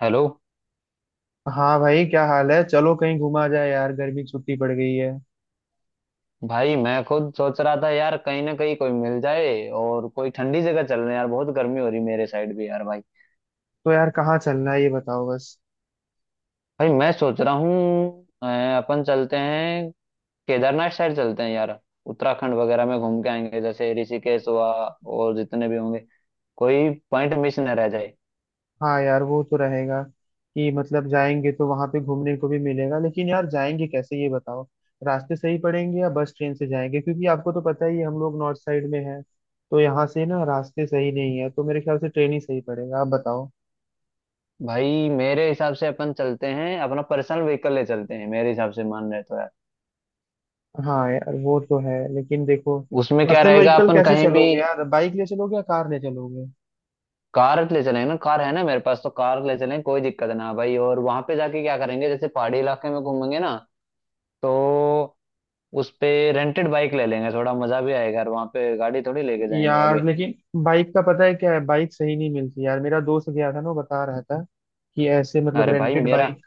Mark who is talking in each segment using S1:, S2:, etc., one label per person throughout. S1: Hello.
S2: हाँ भाई, क्या हाल है। चलो कहीं घुमा जाए यार, गर्मी की छुट्टी पड़ गई है।
S1: भाई मैं खुद सोच रहा था यार, कहीं ना कहीं कोई मिल जाए और कोई ठंडी जगह चल रहे हैं यार। बहुत गर्मी हो रही मेरे साइड भी यार भाई।
S2: तो यार कहाँ चलना है ये बताओ बस।
S1: भाई मैं सोच रहा हूँ अपन चलते हैं, केदारनाथ साइड चलते हैं यार। उत्तराखंड वगैरह में घूम के आएंगे, जैसे ऋषिकेश हुआ और जितने भी होंगे, कोई पॉइंट मिस न रह जाए।
S2: हाँ यार वो तो रहेगा कि मतलब जाएंगे तो वहां पे घूमने को भी मिलेगा, लेकिन यार जाएंगे कैसे ये बताओ। रास्ते सही पड़ेंगे या बस ट्रेन से जाएंगे, क्योंकि आपको तो पता ही है हम लोग नॉर्थ साइड में हैं। तो यहाँ से ना रास्ते सही नहीं है, तो मेरे ख्याल से ट्रेन ही सही पड़ेगा, आप बताओ।
S1: भाई मेरे हिसाब से अपन चलते हैं, अपना पर्सनल व्हीकल ले चलते हैं, मेरे हिसाब से मान रहे तो यार।
S2: हाँ यार वो तो है, लेकिन देखो
S1: उसमें क्या
S2: पर्सनल
S1: रहेगा,
S2: व्हीकल
S1: अपन
S2: कैसे
S1: कहीं भी
S2: चलोगे यार? बाइक ले चलोगे या कार ले चलोगे?
S1: कार ले चलेंगे ना, कार है ना मेरे पास, तो कार ले चलेंगे, कोई दिक्कत ना भाई। और वहां पे जाके क्या करेंगे, जैसे पहाड़ी इलाके में घूमेंगे ना, तो उस पे रेंटेड बाइक ले लेंगे, थोड़ा मजा भी आएगा, और वहां पे गाड़ी थोड़ी लेके जाएंगे
S2: यार
S1: आगे।
S2: लेकिन बाइक का पता है क्या है, बाइक सही नहीं मिलती यार। मेरा दोस्त गया था ना वो बता रहा था कि ऐसे मतलब
S1: अरे भाई
S2: रेंटेड
S1: मेरा
S2: बाइक।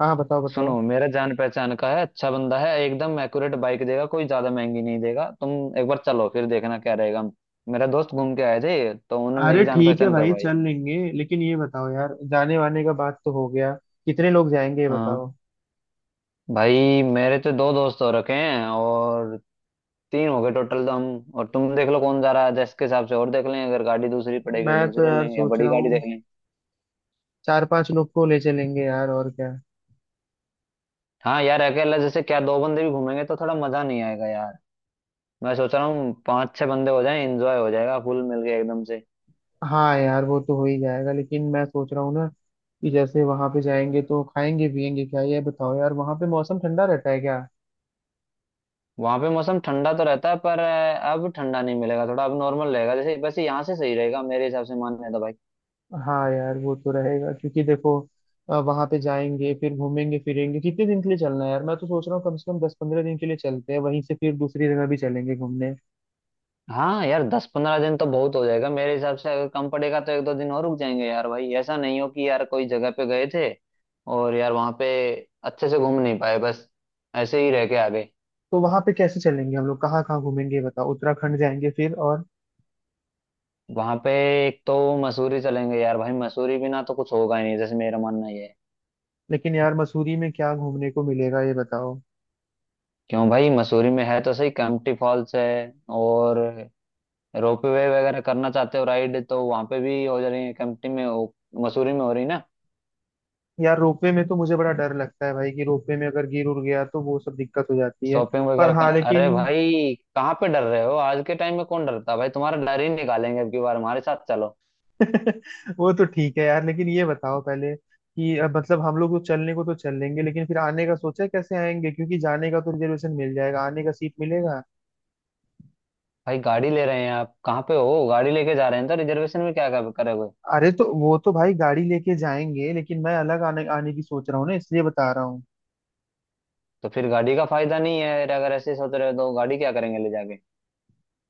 S2: हाँ बताओ
S1: सुनो,
S2: बताओ।
S1: मेरा जान पहचान का है, अच्छा बंदा है, एकदम एक्यूरेट बाइक देगा, कोई ज्यादा महंगी नहीं देगा तुम। एक बार चलो फिर देखना क्या रहेगा। मेरा दोस्त घूम के आए थे तो उन्होंने
S2: अरे
S1: मेरी जान
S2: ठीक है
S1: पहचान
S2: भाई
S1: करवाई।
S2: चल लेंगे, लेकिन ये बताओ यार, जाने वाने का बात तो हो गया, कितने लोग जाएंगे ये
S1: हाँ।
S2: बताओ।
S1: भाई मेरे तो दो दोस्त हो रखे हैं और तीन हो गए टोटल, तो हम और तुम देख लो कौन जा रहा है, जैसे के हिसाब से, और देख लें अगर गाड़ी दूसरी पड़ेगी
S2: मैं
S1: तो
S2: तो
S1: दूसरे
S2: यार
S1: लेंगे, या
S2: सोच
S1: बड़ी
S2: रहा
S1: गाड़ी
S2: हूँ
S1: देख लें।
S2: चार पांच लोग को ले चलेंगे यार और क्या।
S1: हाँ यार, अकेला जैसे क्या दो बंदे भी घूमेंगे तो थोड़ा मजा नहीं आएगा यार। मैं सोच रहा हूँ पांच छह बंदे हो जाएं, एंजॉय हो जाएगा फुल मिल के एकदम से।
S2: हाँ यार वो तो हो ही जाएगा, लेकिन मैं सोच रहा हूँ ना कि जैसे वहां पे जाएंगे तो खाएंगे पियेंगे क्या ये बताओ यार, वहां पे मौसम ठंडा रहता है क्या?
S1: वहां पे मौसम ठंडा तो रहता है पर अब ठंडा नहीं मिलेगा, थोड़ा अब नॉर्मल रहेगा, जैसे वैसे यहाँ से सही रहेगा मेरे हिसाब से मानने तो भाई।
S2: हाँ यार वो तो रहेगा क्योंकि देखो वहां पे जाएंगे फिर घूमेंगे फिरेंगे, कितने दिन के लिए चलना है यार? मैं तो सोच रहा हूँ कम से कम 10-15 दिन के लिए चलते हैं, वहीं से फिर दूसरी जगह भी चलेंगे घूमने।
S1: हाँ यार, 10-15 दिन तो बहुत हो जाएगा मेरे हिसाब से, अगर कम पड़ेगा तो 1-2 दिन और रुक जाएंगे यार भाई। ऐसा नहीं हो कि यार कोई जगह पे गए थे और यार वहां पे अच्छे से घूम नहीं पाए, बस ऐसे ही रह के आ गए।
S2: तो वहां पे कैसे चलेंगे हम लोग, कहाँ कहाँ घूमेंगे ये बताओ? उत्तराखंड जाएंगे फिर और
S1: वहां पे एक तो मसूरी चलेंगे यार भाई, मसूरी बिना तो कुछ होगा ही नहीं, जैसे मेरा मानना ये है।
S2: लेकिन यार मसूरी में क्या घूमने को मिलेगा ये बताओ?
S1: क्यों भाई, मसूरी में है तो सही, कैंपटी फॉल्स है, और रोपवे वगैरह करना चाहते हो राइड तो वहां पे भी हो जा रही है, कैंपटी में मसूरी में हो रही ना।
S2: यार रोपवे में तो मुझे बड़ा डर लगता है भाई, कि रोपवे में अगर गिर उड़ गया तो वो सब दिक्कत हो जाती है।
S1: शॉपिंग
S2: पर
S1: वगैरह
S2: हाँ
S1: कर, अरे
S2: लेकिन
S1: भाई कहाँ पे डर रहे हो, आज के टाइम में कौन डरता है भाई, तुम्हारा डर ही निकालेंगे अब की बार हमारे साथ चलो।
S2: वो तो ठीक है यार, लेकिन ये बताओ पहले कि अब मतलब हम लोग तो चलने को तो चल लेंगे, लेकिन फिर आने का सोचा है कैसे आएंगे? क्योंकि जाने का तो रिजर्वेशन मिल जाएगा, आने का सीट मिलेगा?
S1: भाई गाड़ी ले रहे हैं आप, कहाँ पे हो, गाड़ी लेके जा रहे हैं तो रिजर्वेशन में क्या करोगे।
S2: अरे तो वो तो भाई गाड़ी लेके जाएंगे, लेकिन मैं अलग आने आने की सोच रहा हूँ ना, इसलिए बता रहा हूँ।
S1: तो फिर गाड़ी का फायदा नहीं है, अगर ऐसे सोच रहे हो तो गाड़ी क्या करेंगे ले जाके।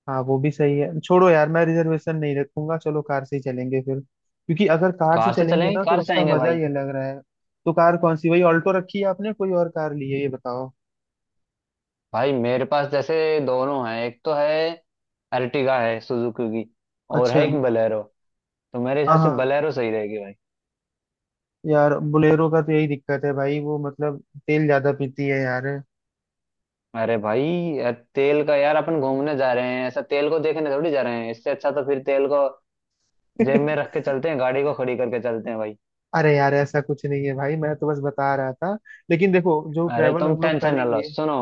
S2: हाँ वो भी सही है, छोड़ो यार मैं रिजर्वेशन नहीं रखूंगा, चलो कार से ही चलेंगे फिर, क्योंकि अगर कार से
S1: कार से
S2: चलेंगे
S1: चलेंगे,
S2: ना
S1: कार
S2: तो
S1: से
S2: उसका
S1: आएंगे
S2: मजा
S1: भाई।
S2: ही अलग रहा है। तो कार कौन सी, वही ऑल्टो रखी है आपने कोई और कार ली है ये बताओ?
S1: भाई मेरे पास जैसे दोनों हैं, एक तो है अर्टिगा है सुजुकी की, और
S2: अच्छा।
S1: है एक बलेरो, तो मेरे
S2: हाँ
S1: हिसाब से
S2: हाँ,
S1: बलेरो सही रहेगी भाई।
S2: यार बोलेरो का तो यही दिक्कत है भाई, वो मतलब तेल ज्यादा पीती है यार
S1: अरे भाई, यार तेल का, यार अपन घूमने जा रहे हैं, ऐसा तेल को देखने थोड़ी जा रहे हैं, इससे अच्छा तो फिर तेल को जेब में रख के चलते हैं, गाड़ी को खड़ी करके चलते हैं भाई।
S2: अरे यार ऐसा कुछ नहीं है भाई, मैं तो बस बता रहा था, लेकिन देखो जो
S1: अरे
S2: ट्रैवल
S1: तुम
S2: हम लोग
S1: टेंशन ना
S2: करेंगे।
S1: लो, सुनो,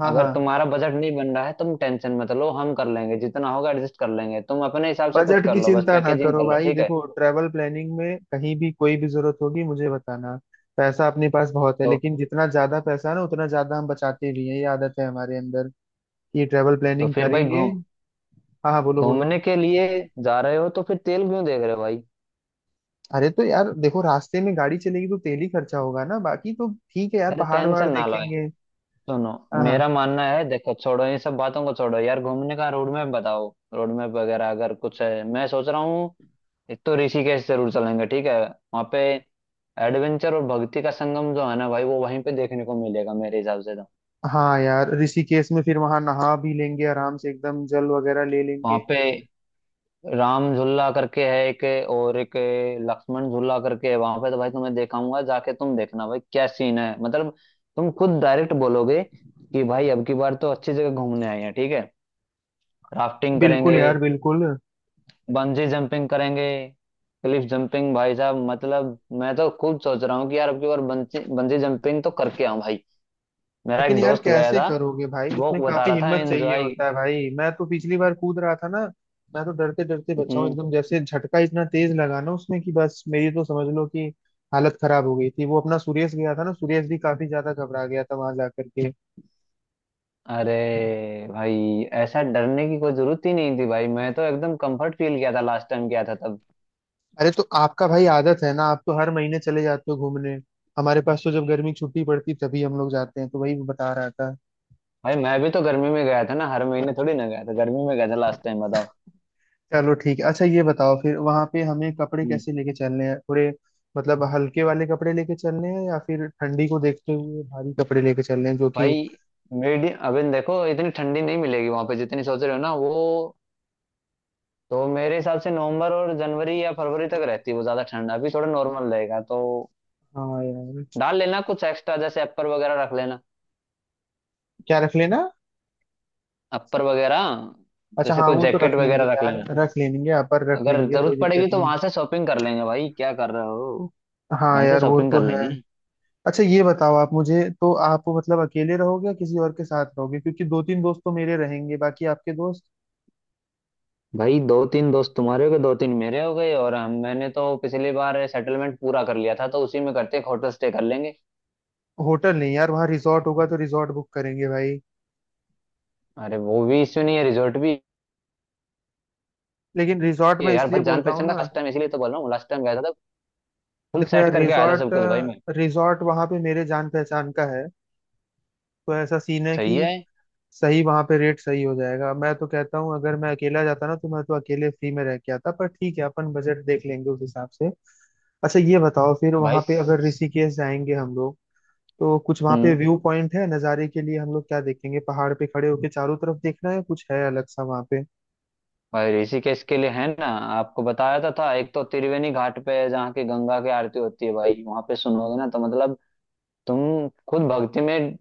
S2: हाँ
S1: अगर
S2: हाँ।
S1: तुम्हारा बजट नहीं बन रहा है तुम टेंशन मत लो, हम कर लेंगे, जितना होगा एडजस्ट कर लेंगे, तुम अपने हिसाब से कुछ
S2: बजट
S1: कर
S2: की
S1: लो, बस
S2: चिंता ना
S1: पैकेजिंग
S2: करो
S1: कर लो
S2: भाई,
S1: ठीक है।
S2: देखो ट्रैवल प्लानिंग में कहीं भी कोई भी जरूरत होगी मुझे बताना। पैसा अपने पास बहुत है,
S1: तो
S2: लेकिन जितना ज्यादा पैसा है ना उतना ज्यादा हम बचाते भी हैं, ये आदत है हमारे अंदर। ये ट्रैवल
S1: तो
S2: प्लानिंग
S1: फिर भाई
S2: करेंगे।
S1: घूम
S2: हाँ हाँ बोलो बोलो।
S1: घूमने के लिए जा रहे हो तो फिर तेल क्यों देख रहे हो भाई।
S2: अरे तो यार देखो, रास्ते में गाड़ी चलेगी तो तेल ही खर्चा होगा ना, बाकी तो ठीक है यार,
S1: अरे
S2: पहाड़ वहाड़
S1: टेंशन ना लो,
S2: देखेंगे।
S1: सुनो,
S2: हाँ।
S1: मेरा मानना है, देखो छोड़ो ये सब बातों को, छोड़ो यार, घूमने का रोड मैप बताओ। रोड मैप वगैरह अगर कुछ है, मैं सोच रहा हूँ एक तो ऋषिकेश जरूर चलेंगे, ठीक है। वहाँ पे एडवेंचर और भक्ति का संगम जो है ना भाई, वो वहीं पे देखने को मिलेगा मेरे हिसाब से तो।
S2: हाँ यार ऋषिकेश में फिर वहां नहा भी लेंगे आराम से, एकदम जल वगैरह ले
S1: वहाँ
S2: लेंगे।
S1: पे राम झूला करके है एक, और एक लक्ष्मण झूला करके है वहाँ पे, तो भाई तुम्हें दिखाऊंगा जाके, तुम देखना भाई क्या सीन है मतलब। तुम खुद डायरेक्ट बोलोगे कि भाई अब की बार तो अच्छी जगह घूमने आए हैं ठीक है। राफ्टिंग
S2: बिल्कुल
S1: करेंगे,
S2: यार बिल्कुल।
S1: बंजी जंपिंग करेंगे, क्लिफ जंपिंग, भाई साहब मतलब मैं तो खुद सोच रहा हूँ कि यार अब की बार बंजी बंजी जंपिंग तो करके आऊं भाई। मेरा
S2: लेकिन
S1: एक
S2: यार
S1: दोस्त गया
S2: कैसे
S1: था,
S2: करोगे भाई,
S1: वो
S2: उसमें
S1: बता
S2: काफी
S1: रहा था
S2: हिम्मत चाहिए
S1: एंजॉय।
S2: होता है भाई, मैं तो पिछली बार कूद रहा था ना। मैं तो डरते डरते बचा हूँ एकदम, जैसे झटका इतना तेज लगा ना उसमें कि बस मेरी तो समझ लो कि हालत खराब हो गई थी। वो अपना सुरेश गया था ना, सुरेश भी काफी ज्यादा घबरा गया था वहां जाकर के।
S1: अरे भाई ऐसा डरने की कोई जरूरत ही नहीं थी भाई, मैं तो एकदम कंफर्ट फील किया था लास्ट टाइम गया था तब।
S2: अरे तो आपका भाई आदत है ना, आप तो हर महीने चले जाते हो घूमने। हमारे पास तो जब गर्मी की छुट्टी पड़ती तभी हम लोग जाते हैं, तो वही मैं बता रहा था।
S1: भाई मैं भी तो गर्मी में गया था ना, हर महीने थोड़ी ना गया था, गर्मी में गया था लास्ट टाइम बताओ।
S2: चलो ठीक है, अच्छा ये बताओ फिर वहां पे हमें कपड़े
S1: हम्म।
S2: कैसे लेके चलने हैं थोड़े? मतलब हल्के वाले कपड़े लेके चलने हैं या फिर ठंडी को देखते हुए भारी कपड़े लेके चलने हैं जो कि।
S1: भाई मीडियम, अभी देखो इतनी ठंडी नहीं मिलेगी वहां पे जितनी सोच रहे हो ना, वो तो मेरे हिसाब से नवंबर और जनवरी या फरवरी तक रहती है वो ज्यादा ठंड, अभी थोड़ा नॉर्मल रहेगा, तो
S2: हाँ यार।
S1: डाल लेना कुछ एक्स्ट्रा, जैसे अपर वगैरह रख लेना।
S2: क्या रख लेना?
S1: अपर वगैरह,
S2: अच्छा
S1: जैसे
S2: हाँ,
S1: कोई
S2: वो तो
S1: जैकेट
S2: रख लेंगे
S1: वगैरह रख
S2: यार
S1: लेना,
S2: रख लेंगे, यहाँ पर रख
S1: अगर
S2: लेंगे
S1: जरूरत
S2: कोई
S1: पड़ेगी
S2: दिक्कत
S1: तो
S2: नहीं।
S1: वहां से शॉपिंग कर लेंगे भाई क्या कर रहे हो।
S2: हाँ
S1: वहीं से
S2: यार वो
S1: शॉपिंग
S2: तो
S1: कर
S2: है।
S1: लेंगे।
S2: अच्छा ये बताओ आप, मुझे तो, आप मतलब अकेले रहोगे या किसी और के साथ रहोगे, क्योंकि दो तीन दोस्त तो मेरे रहेंगे बाकी आपके दोस्त।
S1: भाई दो तीन दोस्त तुम्हारे हो गए, दो तीन मेरे हो गए, और हम, मैंने तो पिछली बार सेटलमेंट पूरा कर लिया था, तो उसी में करते हैं, होटल स्टे कर लेंगे।
S2: होटल नहीं यार, वहाँ रिजॉर्ट होगा तो रिजॉर्ट बुक करेंगे भाई।
S1: अरे वो भी इश्यू नहीं है, रिजॉर्ट भी
S2: लेकिन रिजॉर्ट
S1: है
S2: मैं
S1: यार
S2: इसलिए
S1: भाई,
S2: बोल
S1: जान
S2: रहा हूँ
S1: पहचान का,
S2: ना,
S1: लास्ट टाइम इसीलिए तो बोल रहा हूँ, लास्ट टाइम गया था, फुल
S2: देखो
S1: सेट
S2: यार
S1: करके आया था
S2: रिजॉर्ट
S1: सब कुछ भाई मैं।
S2: रिजॉर्ट वहाँ पे मेरे जान पहचान का है, तो ऐसा सीन है
S1: सही
S2: कि
S1: है
S2: सही वहाँ पे रेट सही हो जाएगा। मैं तो कहता हूँ अगर मैं अकेला जाता ना तो मैं तो अकेले फ्री में रह के आता, पर ठीक है अपन बजट देख लेंगे उस हिसाब से। अच्छा ये बताओ फिर
S1: भाई।
S2: वहाँ पे अगर ऋषिकेश जाएंगे हम लोग, तो कुछ वहां पे
S1: हम्म।
S2: व्यू पॉइंट है नज़ारे के लिए हम लोग क्या देखेंगे? पहाड़ पे खड़े होके चारों तरफ देखना है, कुछ है अलग सा वहां पे?
S1: भाई ऋषिकेश के लिए है ना, आपको बताया तो था, एक तो त्रिवेणी घाट पे है जहाँ की गंगा की आरती होती है भाई, वहां पे सुनोगे ना तो मतलब तुम खुद भक्ति में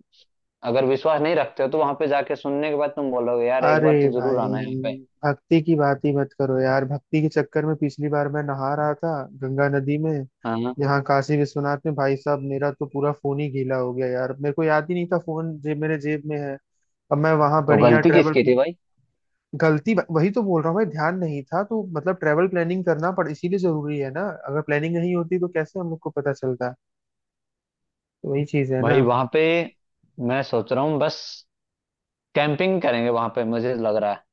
S1: अगर विश्वास नहीं रखते हो, तो वहां पे जाके सुनने के बाद तुम बोलोगे यार एक
S2: अरे
S1: बार तो जरूर
S2: भाई,
S1: आना है यहाँ पे।
S2: भक्ति की बात ही मत करो यार, भक्ति के चक्कर में पिछली बार मैं नहा रहा था गंगा नदी में।
S1: हाँ, हाँ।
S2: यहाँ काशी विश्वनाथ में भाई साहब, मेरा तो पूरा फोन ही गीला हो गया यार, मेरे को याद ही नहीं था फोन जेब मेरे जेब में है। अब मैं वहां
S1: तो
S2: बढ़िया
S1: गलती
S2: ट्रेवल
S1: किसकी थी
S2: प्लान
S1: भाई।
S2: गलती वही तो बोल रहा हूँ भाई, ध्यान नहीं था, तो मतलब ट्रेवल प्लानिंग करना पड़ इसीलिए जरूरी है ना, अगर प्लानिंग नहीं होती तो कैसे हम लोग को पता चलता? तो वही चीज है ना।
S1: भाई वहां पे मैं सोच रहा हूँ बस कैंपिंग करेंगे वहां पे, मुझे लग रहा है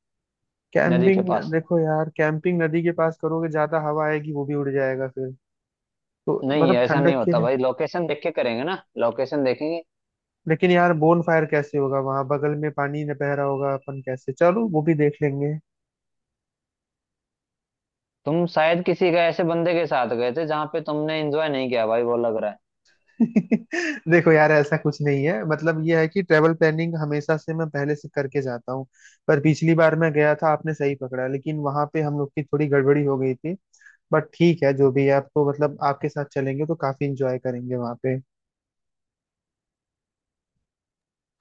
S1: नदी के
S2: कैंपिंग
S1: पास।
S2: देखो यार, कैंपिंग नदी के पास करोगे ज्यादा हवा आएगी, वो भी उड़ जाएगा फिर, तो
S1: नहीं
S2: मतलब
S1: ऐसा नहीं
S2: ठंडक के
S1: होता
S2: लिए।
S1: भाई, लोकेशन देख के करेंगे ना, लोकेशन देखेंगे।
S2: लेकिन यार बोन फायर कैसे होगा वहां, बगल में पानी न बह रहा होगा अपन कैसे? चलो वो भी देख लेंगे।
S1: तुम शायद किसी का, ऐसे बंदे के साथ गए थे जहां पे तुमने एंजॉय नहीं किया भाई, वो लग रहा है।
S2: देखो यार ऐसा कुछ नहीं है, मतलब ये है कि ट्रेवल प्लानिंग हमेशा से मैं पहले से करके जाता हूँ, पर पिछली बार मैं गया था आपने सही पकड़ा, लेकिन वहां पे हम लोग की थोड़ी गड़बड़ी हो गई थी, बट ठीक है जो भी है। आप तो मतलब आपके साथ चलेंगे तो काफी इंजॉय करेंगे वहां।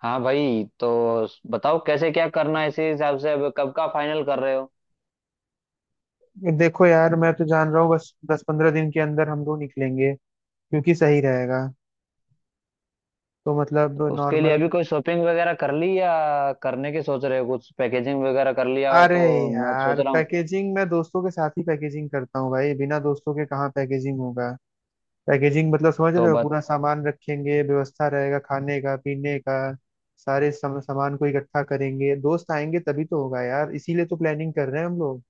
S1: हाँ भाई, तो बताओ कैसे क्या करना है इसी हिसाब से, अब कब का फाइनल कर रहे हो।
S2: देखो यार मैं तो जान रहा हूँ, बस दस पंद्रह दिन के अंदर हम लोग निकलेंगे क्योंकि सही रहेगा, तो मतलब
S1: तो उसके लिए
S2: नॉर्मल।
S1: अभी कोई शॉपिंग वगैरह कर ली, या करने की सोच रहे हो, कुछ पैकेजिंग वगैरह कर लिया हो
S2: अरे
S1: तो। मैं सोच
S2: यार,
S1: रहा हूँ।
S2: पैकेजिंग मैं दोस्तों के साथ ही पैकेजिंग करता हूँ भाई, बिना दोस्तों के कहाँ पैकेजिंग होगा? पैकेजिंग मतलब समझ
S1: तो
S2: रहे हो,
S1: बत
S2: पूरा सामान रखेंगे, व्यवस्था रहेगा खाने का पीने का, सारे सामान को इकट्ठा करेंगे, दोस्त आएंगे तभी तो होगा यार, इसीलिए तो प्लानिंग कर रहे हैं हम लोग।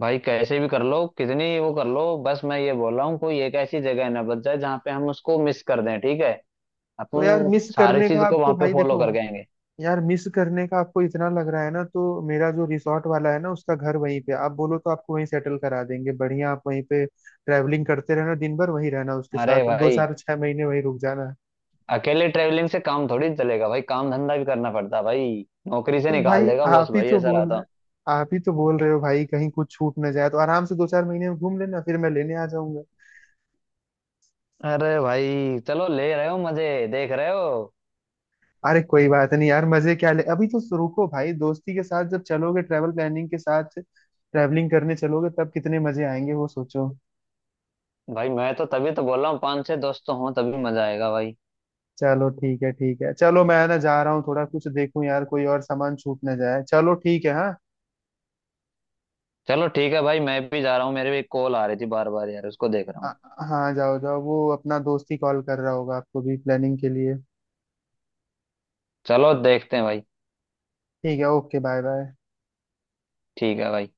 S1: भाई कैसे भी कर लो, कितनी वो कर लो, बस मैं ये बोल रहा हूँ कोई एक ऐसी जगह ना बच जाए जहाँ पे हम उसको मिस कर दें, ठीक है।
S2: तो
S1: अपन सारी चीज को वहां पे फॉलो कर गएंगे।
S2: यार मिस करने का आपको इतना लग रहा है ना, तो मेरा जो रिसोर्ट वाला है ना उसका घर वहीं पे, आप बोलो तो आपको वहीं सेटल करा देंगे बढ़िया, आप वहीं पे ट्रैवलिंग करते रहना दिन भर, वहीं रहना उसके
S1: अरे
S2: साथ, दो
S1: भाई
S2: चार छह महीने वहीं रुक जाना।
S1: अकेले ट्रेवलिंग से काम थोड़ी चलेगा भाई, काम धंधा भी करना पड़ता है भाई, नौकरी से
S2: तो
S1: निकाल
S2: भाई
S1: देगा बॉस भाई, ऐसा रहता।
S2: आप ही तो बोल रहे हो भाई कहीं कुछ छूट ना जाए, तो आराम से दो चार महीने में घूम लेना फिर मैं लेने आ जाऊंगा।
S1: अरे भाई चलो ले रहे हो मजे, देख रहे हो।
S2: अरे कोई बात नहीं यार, मजे क्या ले अभी तो, रुको भाई दोस्ती के साथ जब चलोगे, ट्रैवल प्लानिंग के साथ ट्रैवलिंग करने चलोगे तब कितने मजे आएंगे वो सोचो।
S1: भाई मैं तो तभी तो बोल रहा हूँ पांच छह दोस्त तो हों तभी मजा आएगा भाई।
S2: चलो ठीक है ठीक है, चलो मैं ना जा रहा हूँ थोड़ा, कुछ देखूं यार कोई और सामान छूट ना जाए, चलो ठीक है हाँ।
S1: चलो ठीक है भाई, मैं भी जा रहा हूँ, मेरे भी एक कॉल आ रही थी बार बार यार, उसको देख रहा
S2: आ-
S1: हूँ।
S2: हाँ जाओ जाओ, वो अपना दोस्त ही कॉल कर रहा होगा आपको भी प्लानिंग के लिए।
S1: चलो देखते हैं भाई।
S2: ठीक है, ओके बाय बाय।
S1: ठीक है भाई।